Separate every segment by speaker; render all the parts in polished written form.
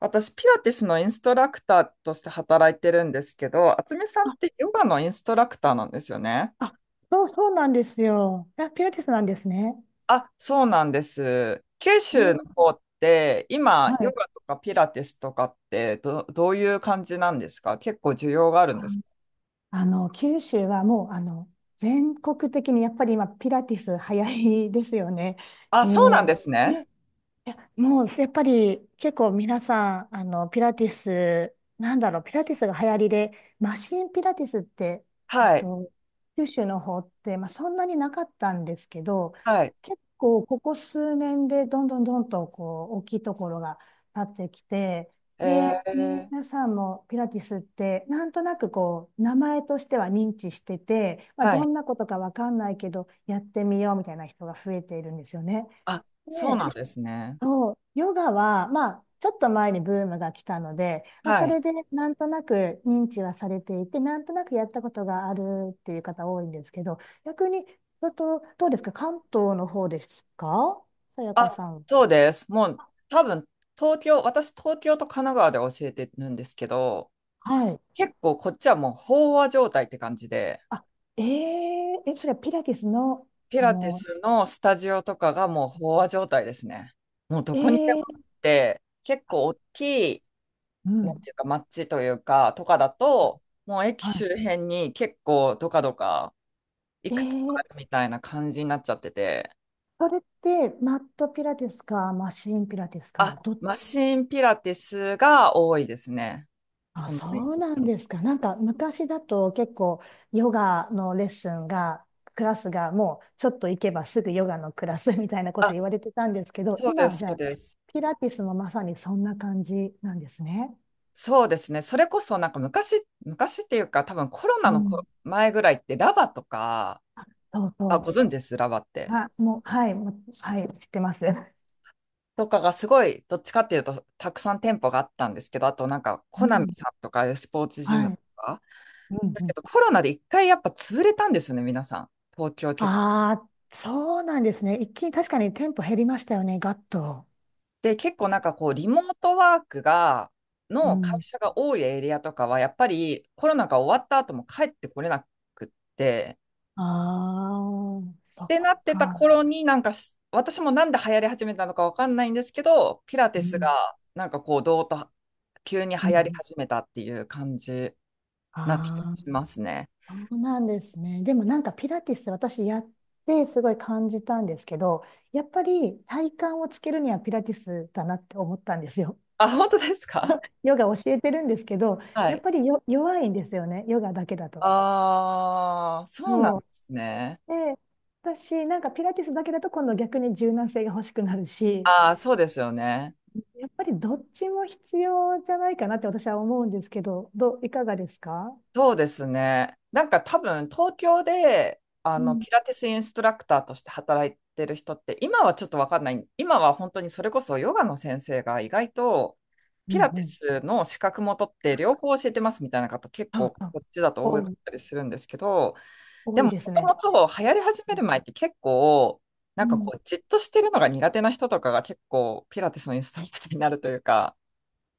Speaker 1: 私、ピラティスのインストラクターとして働いてるんですけど、渥美さんってヨガのインストラクターなんですよね。
Speaker 2: あ、そうそうなんですよ。あ、ピラティスなんですね。
Speaker 1: あ、そうなんです。九
Speaker 2: え
Speaker 1: 州の
Speaker 2: ー
Speaker 1: 方って、今、
Speaker 2: は
Speaker 1: ヨ
Speaker 2: い。
Speaker 1: ガとかピラティスとかってどういう感じなんですか？結構需要があるんで
Speaker 2: あ
Speaker 1: すか？
Speaker 2: あの、九州はもう、あの、全国的にやっぱり今、ピラティス流行りですよね。
Speaker 1: あ、
Speaker 2: で、
Speaker 1: そうなんですね。
Speaker 2: ねもうやっぱり結構皆さん、あの、ピラティス、なんだろう、ピラティスが流行りで、マシンピラティスって、えっ
Speaker 1: はい。
Speaker 2: と、九州の方って、まあ、そんなになかったんですけど、
Speaker 1: はい。
Speaker 2: 結構ここ数年でどんどんどんとこう大きいところが立ってきて、
Speaker 1: え
Speaker 2: で、
Speaker 1: ー、
Speaker 2: 皆さんもピラティスってなんとなくこう名前としては認知してて、まあ、
Speaker 1: は
Speaker 2: ど
Speaker 1: い。
Speaker 2: んなことかわかんないけどやってみようみたいな人が増えているんですよね。
Speaker 1: あ、そう
Speaker 2: で
Speaker 1: なんですね。
Speaker 2: そう、ヨガは、まあ、ちょっと前にブームが来たので、まあ、
Speaker 1: は
Speaker 2: そ
Speaker 1: い。
Speaker 2: れでなんとなく認知はされていて、なんとなくやったことがあるっていう方多いんですけど、逆に、あと、どうですか関東の方ですかさやか
Speaker 1: あ、
Speaker 2: さん。
Speaker 1: そうです。もう、多分、東京、私、東京と神奈川で教えてるんですけど、
Speaker 2: はい。
Speaker 1: 結構こっちはもう飽和状態って感じで、
Speaker 2: あ、えー、え、それはピラティスの、
Speaker 1: ピ
Speaker 2: そ
Speaker 1: ラティ
Speaker 2: の、
Speaker 1: スのスタジオとかがもう飽和状態ですね。もうど
Speaker 2: え
Speaker 1: こにでもあ
Speaker 2: ー、
Speaker 1: って、結構大きい、
Speaker 2: う
Speaker 1: なん
Speaker 2: ん。
Speaker 1: ていうか、街というか、とかだと、もう駅
Speaker 2: は
Speaker 1: 周
Speaker 2: い。
Speaker 1: 辺に結構どかどかい
Speaker 2: え
Speaker 1: くつかあ
Speaker 2: ー、
Speaker 1: るみたいな感じになっちゃってて、
Speaker 2: それって、マットピラティスか、マシーンピラティスか、
Speaker 1: あ、
Speaker 2: どっ
Speaker 1: マシンピラティスが多いですね。
Speaker 2: あ、
Speaker 1: 本
Speaker 2: そ
Speaker 1: 当に。
Speaker 2: うなんですか。なんか昔だと結構ヨガのレッスンが、クラスがもうちょっと行けばすぐヨガのクラスみたいなこと
Speaker 1: あ、
Speaker 2: 言われてたんですけど、
Speaker 1: そうで
Speaker 2: 今は
Speaker 1: す、
Speaker 2: じ
Speaker 1: そ
Speaker 2: ゃ
Speaker 1: う
Speaker 2: あ
Speaker 1: です。
Speaker 2: ピラティスもまさにそんな感じなんですね。
Speaker 1: そうですね。それこそなんか昔、昔っていうか多分コロナ
Speaker 2: う
Speaker 1: のこ
Speaker 2: ん。
Speaker 1: 前ぐらいってラバとか、
Speaker 2: そう
Speaker 1: あ、ご
Speaker 2: そ
Speaker 1: 存知です、ラバっ
Speaker 2: う。
Speaker 1: て？
Speaker 2: は、もう、はい、もう、はい、知ってます。
Speaker 1: とかがすごい、どっちかっていうとたくさん店舗があったんですけど、あとなんかコ
Speaker 2: う
Speaker 1: ナミ
Speaker 2: ん。
Speaker 1: さんとかスポーツジム
Speaker 2: は
Speaker 1: と
Speaker 2: い。
Speaker 1: か。
Speaker 2: うん
Speaker 1: だ
Speaker 2: う
Speaker 1: け
Speaker 2: ん。
Speaker 1: どコロナで一回やっぱ潰れたんですよね、皆さん。東京結
Speaker 2: ああ、そうなんですね。一気に確かにテンポ減りましたよね、ガッと。
Speaker 1: で、結構なんかこうリモートワークが、
Speaker 2: う
Speaker 1: の会
Speaker 2: ん。
Speaker 1: 社が多いエリアとかはやっぱりコロナが終わった後も帰ってこれなくって、
Speaker 2: ああ、そ
Speaker 1: っ
Speaker 2: っ
Speaker 1: てなってた
Speaker 2: か。
Speaker 1: 頃になんかし私もなんで流行り始めたのかわかんないんですけどピラティ
Speaker 2: う
Speaker 1: スが
Speaker 2: ん。
Speaker 1: なんかこうどうと急に
Speaker 2: うん
Speaker 1: 流行り
Speaker 2: うん
Speaker 1: 始めたっていう感じな気が
Speaker 2: あ
Speaker 1: しますね。
Speaker 2: あ、そうなんですね。でもなんかピラティス私やってすごい感じたんですけど、やっぱり体幹をつけるにはピラティスだなって思ったんですよ。
Speaker 1: あ、本当ですか？
Speaker 2: ヨガ教えてるんですけど、
Speaker 1: は
Speaker 2: やっ
Speaker 1: い。
Speaker 2: ぱりよ弱いんですよね、ヨガだけだと。
Speaker 1: ああ、そうなん
Speaker 2: そう。
Speaker 1: ですね。
Speaker 2: で、私なんかピラティスだけだと今度逆に柔軟性が欲しくなるし、
Speaker 1: ああ、そうですよね。
Speaker 2: やっぱりどっちも必要じゃないかなって私は思うんですけど、どう、いかがですか
Speaker 1: そうですね。多分東京であ
Speaker 2: う
Speaker 1: の
Speaker 2: ん、
Speaker 1: ピラティスインストラクターとして働いてる人って今はちょっとわかんない。今は本当にそれこそヨガの先生が意外と
Speaker 2: う
Speaker 1: ピ
Speaker 2: ん、
Speaker 1: ラ
Speaker 2: う
Speaker 1: ティ
Speaker 2: ん。
Speaker 1: スの資格も取って両方教えてますみたいな方結
Speaker 2: そ
Speaker 1: 構
Speaker 2: うそう。
Speaker 1: こっちだと多
Speaker 2: 多
Speaker 1: かっ
Speaker 2: い、
Speaker 1: たりするんですけど、
Speaker 2: 多
Speaker 1: で
Speaker 2: い
Speaker 1: も
Speaker 2: ですね。
Speaker 1: もともと流行り始める前って結構
Speaker 2: うん
Speaker 1: こうじっとしてるのが苦手な人とかが結構ピラティスのインストラクターになるというか、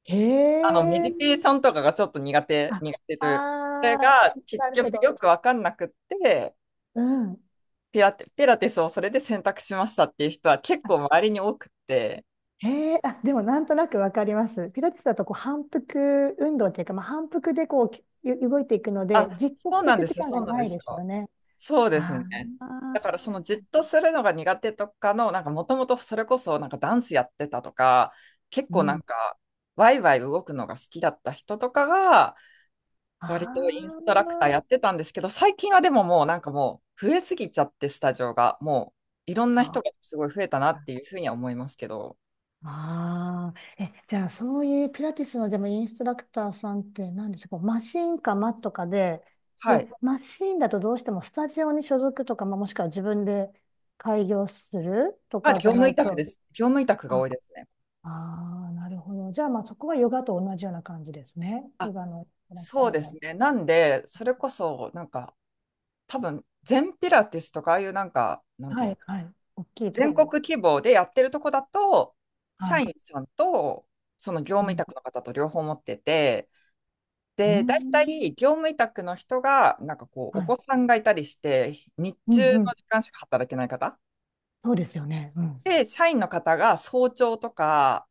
Speaker 2: へ
Speaker 1: メディ
Speaker 2: え。
Speaker 1: テーションとかがちょっと苦手、
Speaker 2: あ、
Speaker 1: 苦手というか、それ
Speaker 2: あ
Speaker 1: が結
Speaker 2: なるほ
Speaker 1: 局
Speaker 2: ど。
Speaker 1: よくわかんなくって、
Speaker 2: うん。
Speaker 1: ピラティスをそれで選択しましたっていう人は結構周りに多くって、
Speaker 2: へえ。あ、でもなんとなくわかります。ピラティスだとこう反復運動っていうか、まあ、反復でこうきゆ動いていくの
Speaker 1: あ、
Speaker 2: で、じっと
Speaker 1: そう
Speaker 2: して
Speaker 1: なん
Speaker 2: く
Speaker 1: で
Speaker 2: 時
Speaker 1: すよ、
Speaker 2: 間
Speaker 1: そ
Speaker 2: が
Speaker 1: うなん
Speaker 2: な
Speaker 1: で
Speaker 2: い
Speaker 1: す
Speaker 2: です
Speaker 1: よ。
Speaker 2: よね。
Speaker 1: そうです
Speaker 2: あ
Speaker 1: ね。
Speaker 2: あ、
Speaker 1: だからそのじっとするのが苦手とかの、もともとそれこそなんかダンスやってたとか、結
Speaker 2: う
Speaker 1: 構なん
Speaker 2: ん。
Speaker 1: かワイワイ動くのが好きだった人とかが、
Speaker 2: あ
Speaker 1: 割とインストラクターや
Speaker 2: あ、
Speaker 1: ってたんですけど、最近はでももうなんかもう増えすぎちゃって、スタジオが。もういろんな
Speaker 2: そう
Speaker 1: 人
Speaker 2: か
Speaker 1: がすごい増えたなっていうふうには思いますけど。
Speaker 2: ああ、え、じゃあそういうピラティスのでもインストラクターさんって何でしょう、こうマシンかマットかで、
Speaker 1: は
Speaker 2: で、
Speaker 1: い。
Speaker 2: マシンだとどうしてもスタジオに所属とか、まあ、もしくは自分で開業すると
Speaker 1: あ、
Speaker 2: かじ
Speaker 1: 業
Speaker 2: ゃ
Speaker 1: 務
Speaker 2: な
Speaker 1: 委
Speaker 2: い
Speaker 1: 託で
Speaker 2: と、
Speaker 1: す。業務委託が多
Speaker 2: あ、
Speaker 1: いですね。
Speaker 2: ああ、なるほど。じゃあまあそこはヨガと同じような感じですね。ヨ
Speaker 1: あ、
Speaker 2: ガのインストラクタ
Speaker 1: そう
Speaker 2: ー
Speaker 1: です
Speaker 2: も。
Speaker 1: ね。なんで、それこそなんか多分全ピラティスとかああいうなんか、なんてい
Speaker 2: は
Speaker 1: うの、
Speaker 2: い、はい。大きいと
Speaker 1: 全
Speaker 2: ころ。
Speaker 1: 国規模でやってるとこだと、社
Speaker 2: はい。
Speaker 1: 員さんとその業
Speaker 2: う
Speaker 1: 務委
Speaker 2: ん。
Speaker 1: 託の方と両方持ってて、
Speaker 2: うー
Speaker 1: で、大
Speaker 2: ん
Speaker 1: 体業務委託の人が、なんかこう、
Speaker 2: は
Speaker 1: お
Speaker 2: い。
Speaker 1: 子さんがいたりして、日
Speaker 2: うん、
Speaker 1: 中
Speaker 2: う
Speaker 1: の
Speaker 2: ん。
Speaker 1: 時間しか働けない方。
Speaker 2: そうですよね。うん。
Speaker 1: で、社員の方が早朝とか、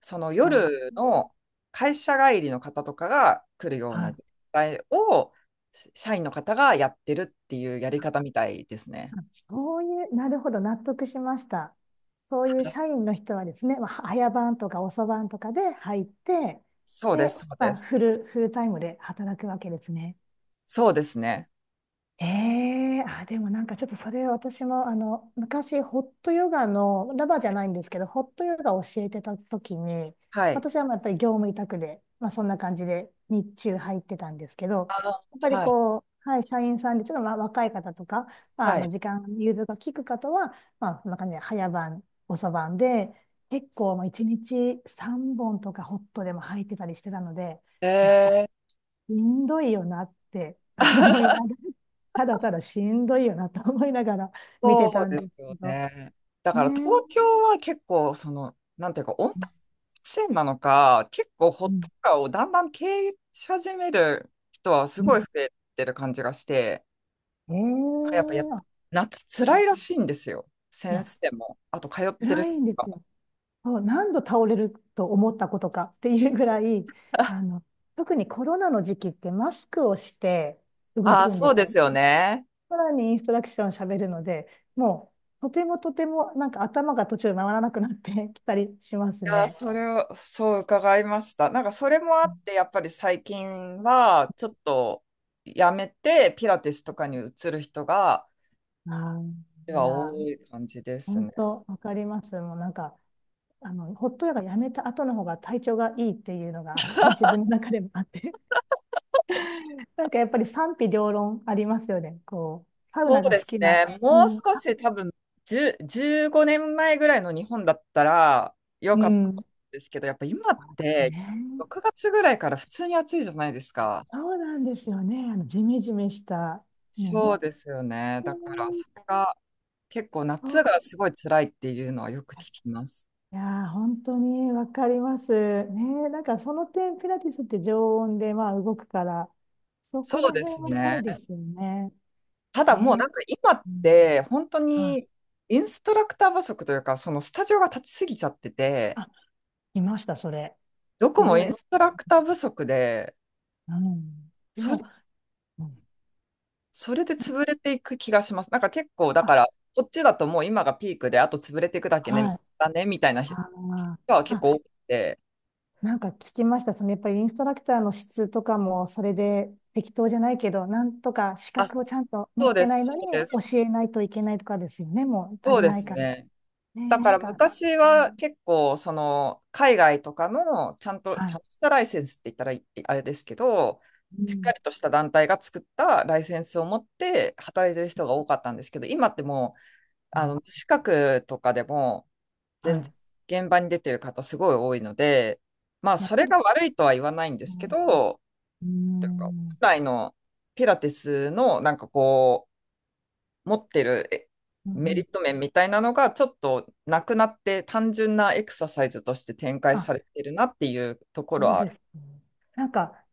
Speaker 1: その
Speaker 2: あ、
Speaker 1: 夜の会社帰りの方とかが来るよう
Speaker 2: は
Speaker 1: な
Speaker 2: い。
Speaker 1: 時間帯を、社員の方がやってるっていうやり方みたいですね。
Speaker 2: あそういう、なるほど、納得しました。そういう社員の人はですね、まあ、早番とか遅番とかで入って、
Speaker 1: そうで
Speaker 2: で、
Speaker 1: す、そう
Speaker 2: ま
Speaker 1: で
Speaker 2: あ、
Speaker 1: す。
Speaker 2: フルタイムで働くわけですね。
Speaker 1: そうですね。
Speaker 2: ええあ、でもなんかちょっとそれ私もあの、昔ホットヨガの、ラバーじゃないんですけど、ホットヨガを教えてた時に、
Speaker 1: はい。
Speaker 2: 私はまあやっぱり業務委託で、まあそんな感じで日中入ってたんですけど、
Speaker 1: あの、
Speaker 2: やっぱり
Speaker 1: はい、
Speaker 2: こう、はい、社員さんでちょっとまあ若い方とか、まああ
Speaker 1: は
Speaker 2: の
Speaker 1: い。
Speaker 2: 時間、融通が利く方は、まあそんな感じで早晩、遅晩で、結構まあ1日3本とかホットでも入ってたりしてたので、
Speaker 1: え
Speaker 2: いや、
Speaker 1: ー
Speaker 2: しんどいよなって思いながら、ただただしんどいよなと思いながら見て
Speaker 1: そ
Speaker 2: た
Speaker 1: う
Speaker 2: ん
Speaker 1: で
Speaker 2: で
Speaker 1: す
Speaker 2: すけ
Speaker 1: よ
Speaker 2: ど、
Speaker 1: ね。だか
Speaker 2: ね
Speaker 1: ら東
Speaker 2: え。
Speaker 1: 京は結構、その、なんていうか、温帯
Speaker 2: うん
Speaker 1: 線なのか、結構ホッ
Speaker 2: う
Speaker 1: ト
Speaker 2: ん、
Speaker 1: カーをだんだん経営し始める人はす
Speaker 2: う
Speaker 1: ごい
Speaker 2: ん
Speaker 1: 増えてる感じがして、
Speaker 2: え
Speaker 1: やっぱや、
Speaker 2: え
Speaker 1: 夏辛いらしいんですよ。
Speaker 2: い
Speaker 1: 先
Speaker 2: や、
Speaker 1: 生も、あと通ってる
Speaker 2: 辛い
Speaker 1: 人
Speaker 2: んで
Speaker 1: も。
Speaker 2: すよ。そう何度倒れると思ったことかっていうぐらい、あ の、特にコロナの時期ってマスクをして動
Speaker 1: ああ、
Speaker 2: くんで
Speaker 1: そう
Speaker 2: す。
Speaker 1: ですよね。
Speaker 2: さらにインストラクションを喋るので、もうとてもとてもなんか頭が途中で回らなくなってきたりしま
Speaker 1: い
Speaker 2: す
Speaker 1: やー、
Speaker 2: ね。
Speaker 1: それを、そう伺いました。なんかそれもあって、やっぱり最近は、ちょっとやめて、ピラティスとかに移る人が、
Speaker 2: ああい
Speaker 1: が
Speaker 2: や
Speaker 1: 多い感じです
Speaker 2: 本
Speaker 1: ね。
Speaker 2: 当、わかります。もうなんか、あの、ホットヨガやめた後の方が体調がいいっていうのが、あの自分の中でもあって、なんかやっぱり賛否両論ありますよね。こう、サウ
Speaker 1: そ
Speaker 2: ナ
Speaker 1: う
Speaker 2: が
Speaker 1: で
Speaker 2: 好
Speaker 1: す
Speaker 2: きな。
Speaker 1: ね。
Speaker 2: う
Speaker 1: もう
Speaker 2: ん。
Speaker 1: 少
Speaker 2: あ
Speaker 1: し多分、10、15年前ぐらいの日本だったら良
Speaker 2: う
Speaker 1: かったん
Speaker 2: ん。
Speaker 1: ですけど、やっぱ今って
Speaker 2: ね
Speaker 1: 6
Speaker 2: え、
Speaker 1: 月ぐらいから普通に暑いじゃないですか。
Speaker 2: そうなんですよね。あの、ジメジメした。もう
Speaker 1: そ
Speaker 2: 本
Speaker 1: うですよね。だ
Speaker 2: 当
Speaker 1: から、
Speaker 2: に、
Speaker 1: それが結構
Speaker 2: そ
Speaker 1: 夏が
Speaker 2: う
Speaker 1: すごい辛いっていうのはよく聞きます。
Speaker 2: いやー、本当にわかります。ねえ、なんかその点、ピラティスって常温で、まあ、動くから、そ
Speaker 1: そ
Speaker 2: こ
Speaker 1: う
Speaker 2: ら
Speaker 1: で
Speaker 2: 辺
Speaker 1: す
Speaker 2: はな
Speaker 1: ね。
Speaker 2: いですよね。
Speaker 1: ただもう
Speaker 2: ね
Speaker 1: なんか今っ
Speaker 2: え。うん
Speaker 1: て本当
Speaker 2: はい
Speaker 1: にインストラクター不足というか、そのスタジオが立ちすぎちゃってて、
Speaker 2: いました、それ。
Speaker 1: どこ
Speaker 2: す
Speaker 1: もイ
Speaker 2: ご
Speaker 1: ン
Speaker 2: い。
Speaker 1: ストラクター不足で、
Speaker 2: うん。で
Speaker 1: そ、
Speaker 2: も、うん、
Speaker 1: それで潰れていく気がします。なんか結構、だ
Speaker 2: あ、
Speaker 1: から、こっちだともう今がピークで、あと潰れていくだけね、
Speaker 2: はい。
Speaker 1: だね、みたいな人
Speaker 2: あの、
Speaker 1: は結構多くて、
Speaker 2: なんか聞きました。そのやっぱりインストラクターの質とかも、それで適当じゃないけど、なんとか資
Speaker 1: あ、
Speaker 2: 格をちゃんと持
Speaker 1: そ
Speaker 2: っ
Speaker 1: う
Speaker 2: て
Speaker 1: で
Speaker 2: ない
Speaker 1: す、
Speaker 2: のに
Speaker 1: そうです、
Speaker 2: 教えないといけないとかですよね。もう足
Speaker 1: そう
Speaker 2: り
Speaker 1: で
Speaker 2: ない
Speaker 1: す
Speaker 2: から。
Speaker 1: ね。
Speaker 2: ね
Speaker 1: だ
Speaker 2: え、
Speaker 1: か
Speaker 2: な
Speaker 1: ら
Speaker 2: んか、
Speaker 1: 昔
Speaker 2: うん、
Speaker 1: は結構、その、海外とかの、ちゃんと、
Speaker 2: は
Speaker 1: ちゃ
Speaker 2: い。
Speaker 1: んとしたライセンスって言ったらいあれですけど、
Speaker 2: う
Speaker 1: しっ
Speaker 2: ん。
Speaker 1: かりとした団体が作ったライセンスを持って働いてる人が多かったんですけど、今ってもう、
Speaker 2: あ、
Speaker 1: 無資格とかでも、
Speaker 2: は
Speaker 1: 全
Speaker 2: い。
Speaker 1: 然現場に出てる方すごい多いので、まあ
Speaker 2: やっ
Speaker 1: そ
Speaker 2: ぱ
Speaker 1: れ
Speaker 2: り、
Speaker 1: が悪いとは言わないんで
Speaker 2: う
Speaker 1: すけ
Speaker 2: ん、
Speaker 1: ど、
Speaker 2: う
Speaker 1: なんか本
Speaker 2: ん、
Speaker 1: 来のピラティスのなんかこう持ってる
Speaker 2: うん。う
Speaker 1: メリ
Speaker 2: ん
Speaker 1: ット面みたいなのがちょっとなくなって単純なエクササイズとして展開され
Speaker 2: あ
Speaker 1: てるなっていうところ
Speaker 2: そう
Speaker 1: はあ
Speaker 2: で
Speaker 1: る。
Speaker 2: すね。なんか、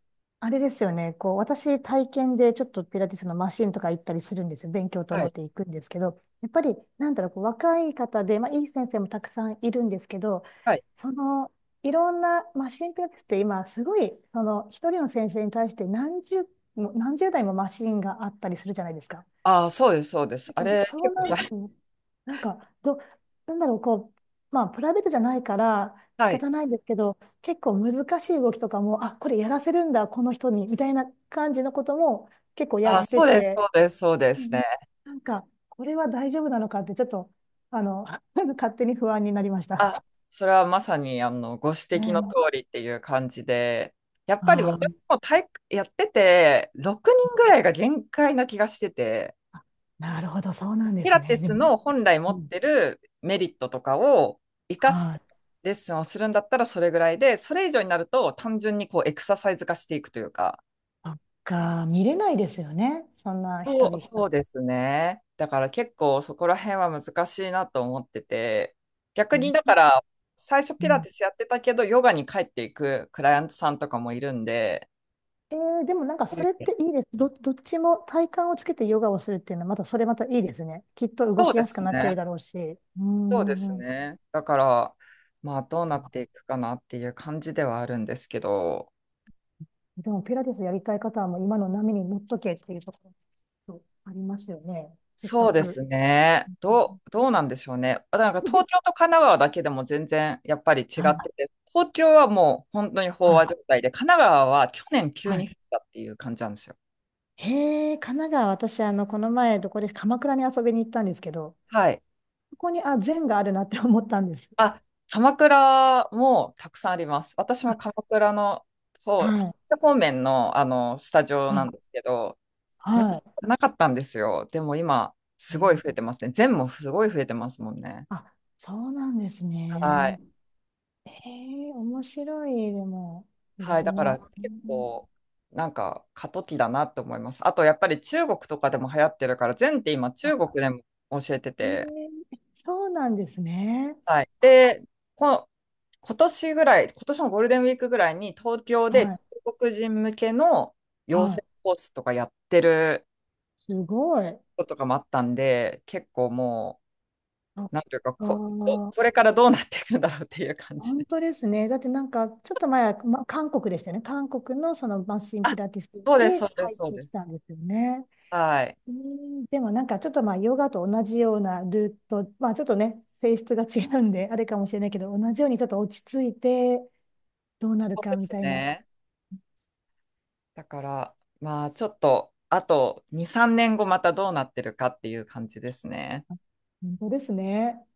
Speaker 2: あれですよね。こう、私、体験でちょっとピラティスのマシンとか行ったりするんですよ。勉強と
Speaker 1: は
Speaker 2: 思っ
Speaker 1: い。
Speaker 2: て行くんですけど、やっぱり、なんだろう、こう若い方で、まあ、いい先生もたくさんいるんですけど、
Speaker 1: はい。
Speaker 2: その、いろんなマシンピラティスって今、すごい、その、一人の先生に対して何十、もう何十台もマシンがあったりするじゃないですか。
Speaker 1: ああ、そうです、そうです。
Speaker 2: て
Speaker 1: あ
Speaker 2: か、
Speaker 1: れ、
Speaker 2: そう
Speaker 1: 結構
Speaker 2: なる
Speaker 1: 大、
Speaker 2: と、なんか、ど、なんだろう、こう、まあ、プライベートじゃないから仕
Speaker 1: はい。
Speaker 2: 方ないんですけど、結構難しい動きとかも、あ、これやらせるんだ、この人に、みたいな感じのことも結構や
Speaker 1: ああ、
Speaker 2: って
Speaker 1: そうです、
Speaker 2: て、
Speaker 1: そうです、そうで
Speaker 2: う
Speaker 1: すね。
Speaker 2: んなんか、これは大丈夫なのかって、ちょっと、あの、勝手に不安になりました。
Speaker 1: あ、それはまさにあのご指摘の通
Speaker 2: ね。
Speaker 1: りっていう感じで、やっぱり
Speaker 2: あ
Speaker 1: 私
Speaker 2: あ、
Speaker 1: も体育やってて、6人ぐらいが限界な気がしてて、
Speaker 2: なるほど、そうなんで
Speaker 1: ピ
Speaker 2: す
Speaker 1: ラティ
Speaker 2: ね。で
Speaker 1: ス
Speaker 2: も、
Speaker 1: の本来持
Speaker 2: う
Speaker 1: っ
Speaker 2: ん、
Speaker 1: てるメリットとかを生かし
Speaker 2: は
Speaker 1: て
Speaker 2: い、
Speaker 1: レッスンをするんだったらそれぐらいで、それ以上になると単純にこうエクササイズ化していくというか、
Speaker 2: そっか、見れないですよね。そんな
Speaker 1: そ
Speaker 2: 一
Speaker 1: う、
Speaker 2: 人一人。
Speaker 1: そうですね。だから結構そこら辺は難しいなと思ってて、逆にだから最初
Speaker 2: う
Speaker 1: ピラ
Speaker 2: ん
Speaker 1: ティスやってたけど、ヨガに帰っていくクライアントさんとかもいるんで、
Speaker 2: えー、でもなんかそれっていいです。ど、どっちも体幹をつけてヨガをするっていうのは、またそれまたいいですね。きっと動
Speaker 1: そう
Speaker 2: き
Speaker 1: で
Speaker 2: やす
Speaker 1: す
Speaker 2: くなってる
Speaker 1: ね。
Speaker 2: だろうし。うー
Speaker 1: そうです
Speaker 2: ん。
Speaker 1: ね。だから、まあどうなっていくかなっていう感じではあるんですけど、
Speaker 2: でもピラティスやりたい方はもう今の波に乗っとけっていうところありますよね。せっか
Speaker 1: そうです
Speaker 2: く。
Speaker 1: ね。どうなんでしょうね。あなんか東京 と神奈川だけでも全然やっぱり違っ
Speaker 2: はい、
Speaker 1: てて、東京はもう本当に飽
Speaker 2: は
Speaker 1: 和
Speaker 2: い、
Speaker 1: 状態で、神奈川は去年急
Speaker 2: は
Speaker 1: に
Speaker 2: い。
Speaker 1: 降ったっていう感じなんですよ。
Speaker 2: へえ、神奈川、私、あの、この前、どこです、鎌倉に遊びに行ったんですけど、
Speaker 1: はい。
Speaker 2: ここに、あ、禅があるなって思ったんです。
Speaker 1: あ、鎌倉もたくさんあります。私も
Speaker 2: あ
Speaker 1: 鎌倉の方、
Speaker 2: はい、
Speaker 1: 方面の、あのスタジオ
Speaker 2: は
Speaker 1: な
Speaker 2: い、
Speaker 1: んですけど、昔
Speaker 2: は
Speaker 1: はなかったんですよ。でも今、
Speaker 2: い。
Speaker 1: すごい増
Speaker 2: え
Speaker 1: えてますね。全もすごい増えてますもんね。
Speaker 2: あ、そうなんです
Speaker 1: はい。
Speaker 2: ね。ええ面白い、でも、い
Speaker 1: は
Speaker 2: ろ
Speaker 1: い、だ
Speaker 2: ん
Speaker 1: から
Speaker 2: な。
Speaker 1: 結
Speaker 2: うん
Speaker 1: 構なんか過渡期だなって思います。あとやっぱり中国とかでも流行ってるから、前って今
Speaker 2: あ、
Speaker 1: 中国でも教えて
Speaker 2: え
Speaker 1: て、
Speaker 2: えそうなんですね。
Speaker 1: はい。
Speaker 2: あ
Speaker 1: で、この今年ぐらい、今年のゴールデンウィークぐらいに東京で
Speaker 2: は
Speaker 1: 中
Speaker 2: い、
Speaker 1: 国人向けの養
Speaker 2: はい。
Speaker 1: 成コースとかやってる
Speaker 2: すごい。
Speaker 1: こととかもあったんで、結構も
Speaker 2: あ、
Speaker 1: う、なんていうか、
Speaker 2: ー、
Speaker 1: これからどうなっていくんだろうっていう感じ
Speaker 2: 本
Speaker 1: で。
Speaker 2: 当ですね。だってなんか、ちょっと前は、ま、韓国でしたよね。韓国のそのマシンピ
Speaker 1: あ、
Speaker 2: ラティス
Speaker 1: そうです、
Speaker 2: で
Speaker 1: そうで
Speaker 2: 入
Speaker 1: す、
Speaker 2: っ
Speaker 1: そう
Speaker 2: て
Speaker 1: で
Speaker 2: き
Speaker 1: す。
Speaker 2: たんですよね。
Speaker 1: はい。
Speaker 2: うんでもなんかちょっとまあヨガと同じようなルート、まあちょっとね、性質が違うんで、あれかもしれないけど、同じようにちょっと落ち着いてどうなる
Speaker 1: そう
Speaker 2: か
Speaker 1: で
Speaker 2: み
Speaker 1: す
Speaker 2: たいな、
Speaker 1: ね。だから、まあ、ちょっと、あと2、3年後またどうなってるかっていう感じですね。
Speaker 2: 本当ですね。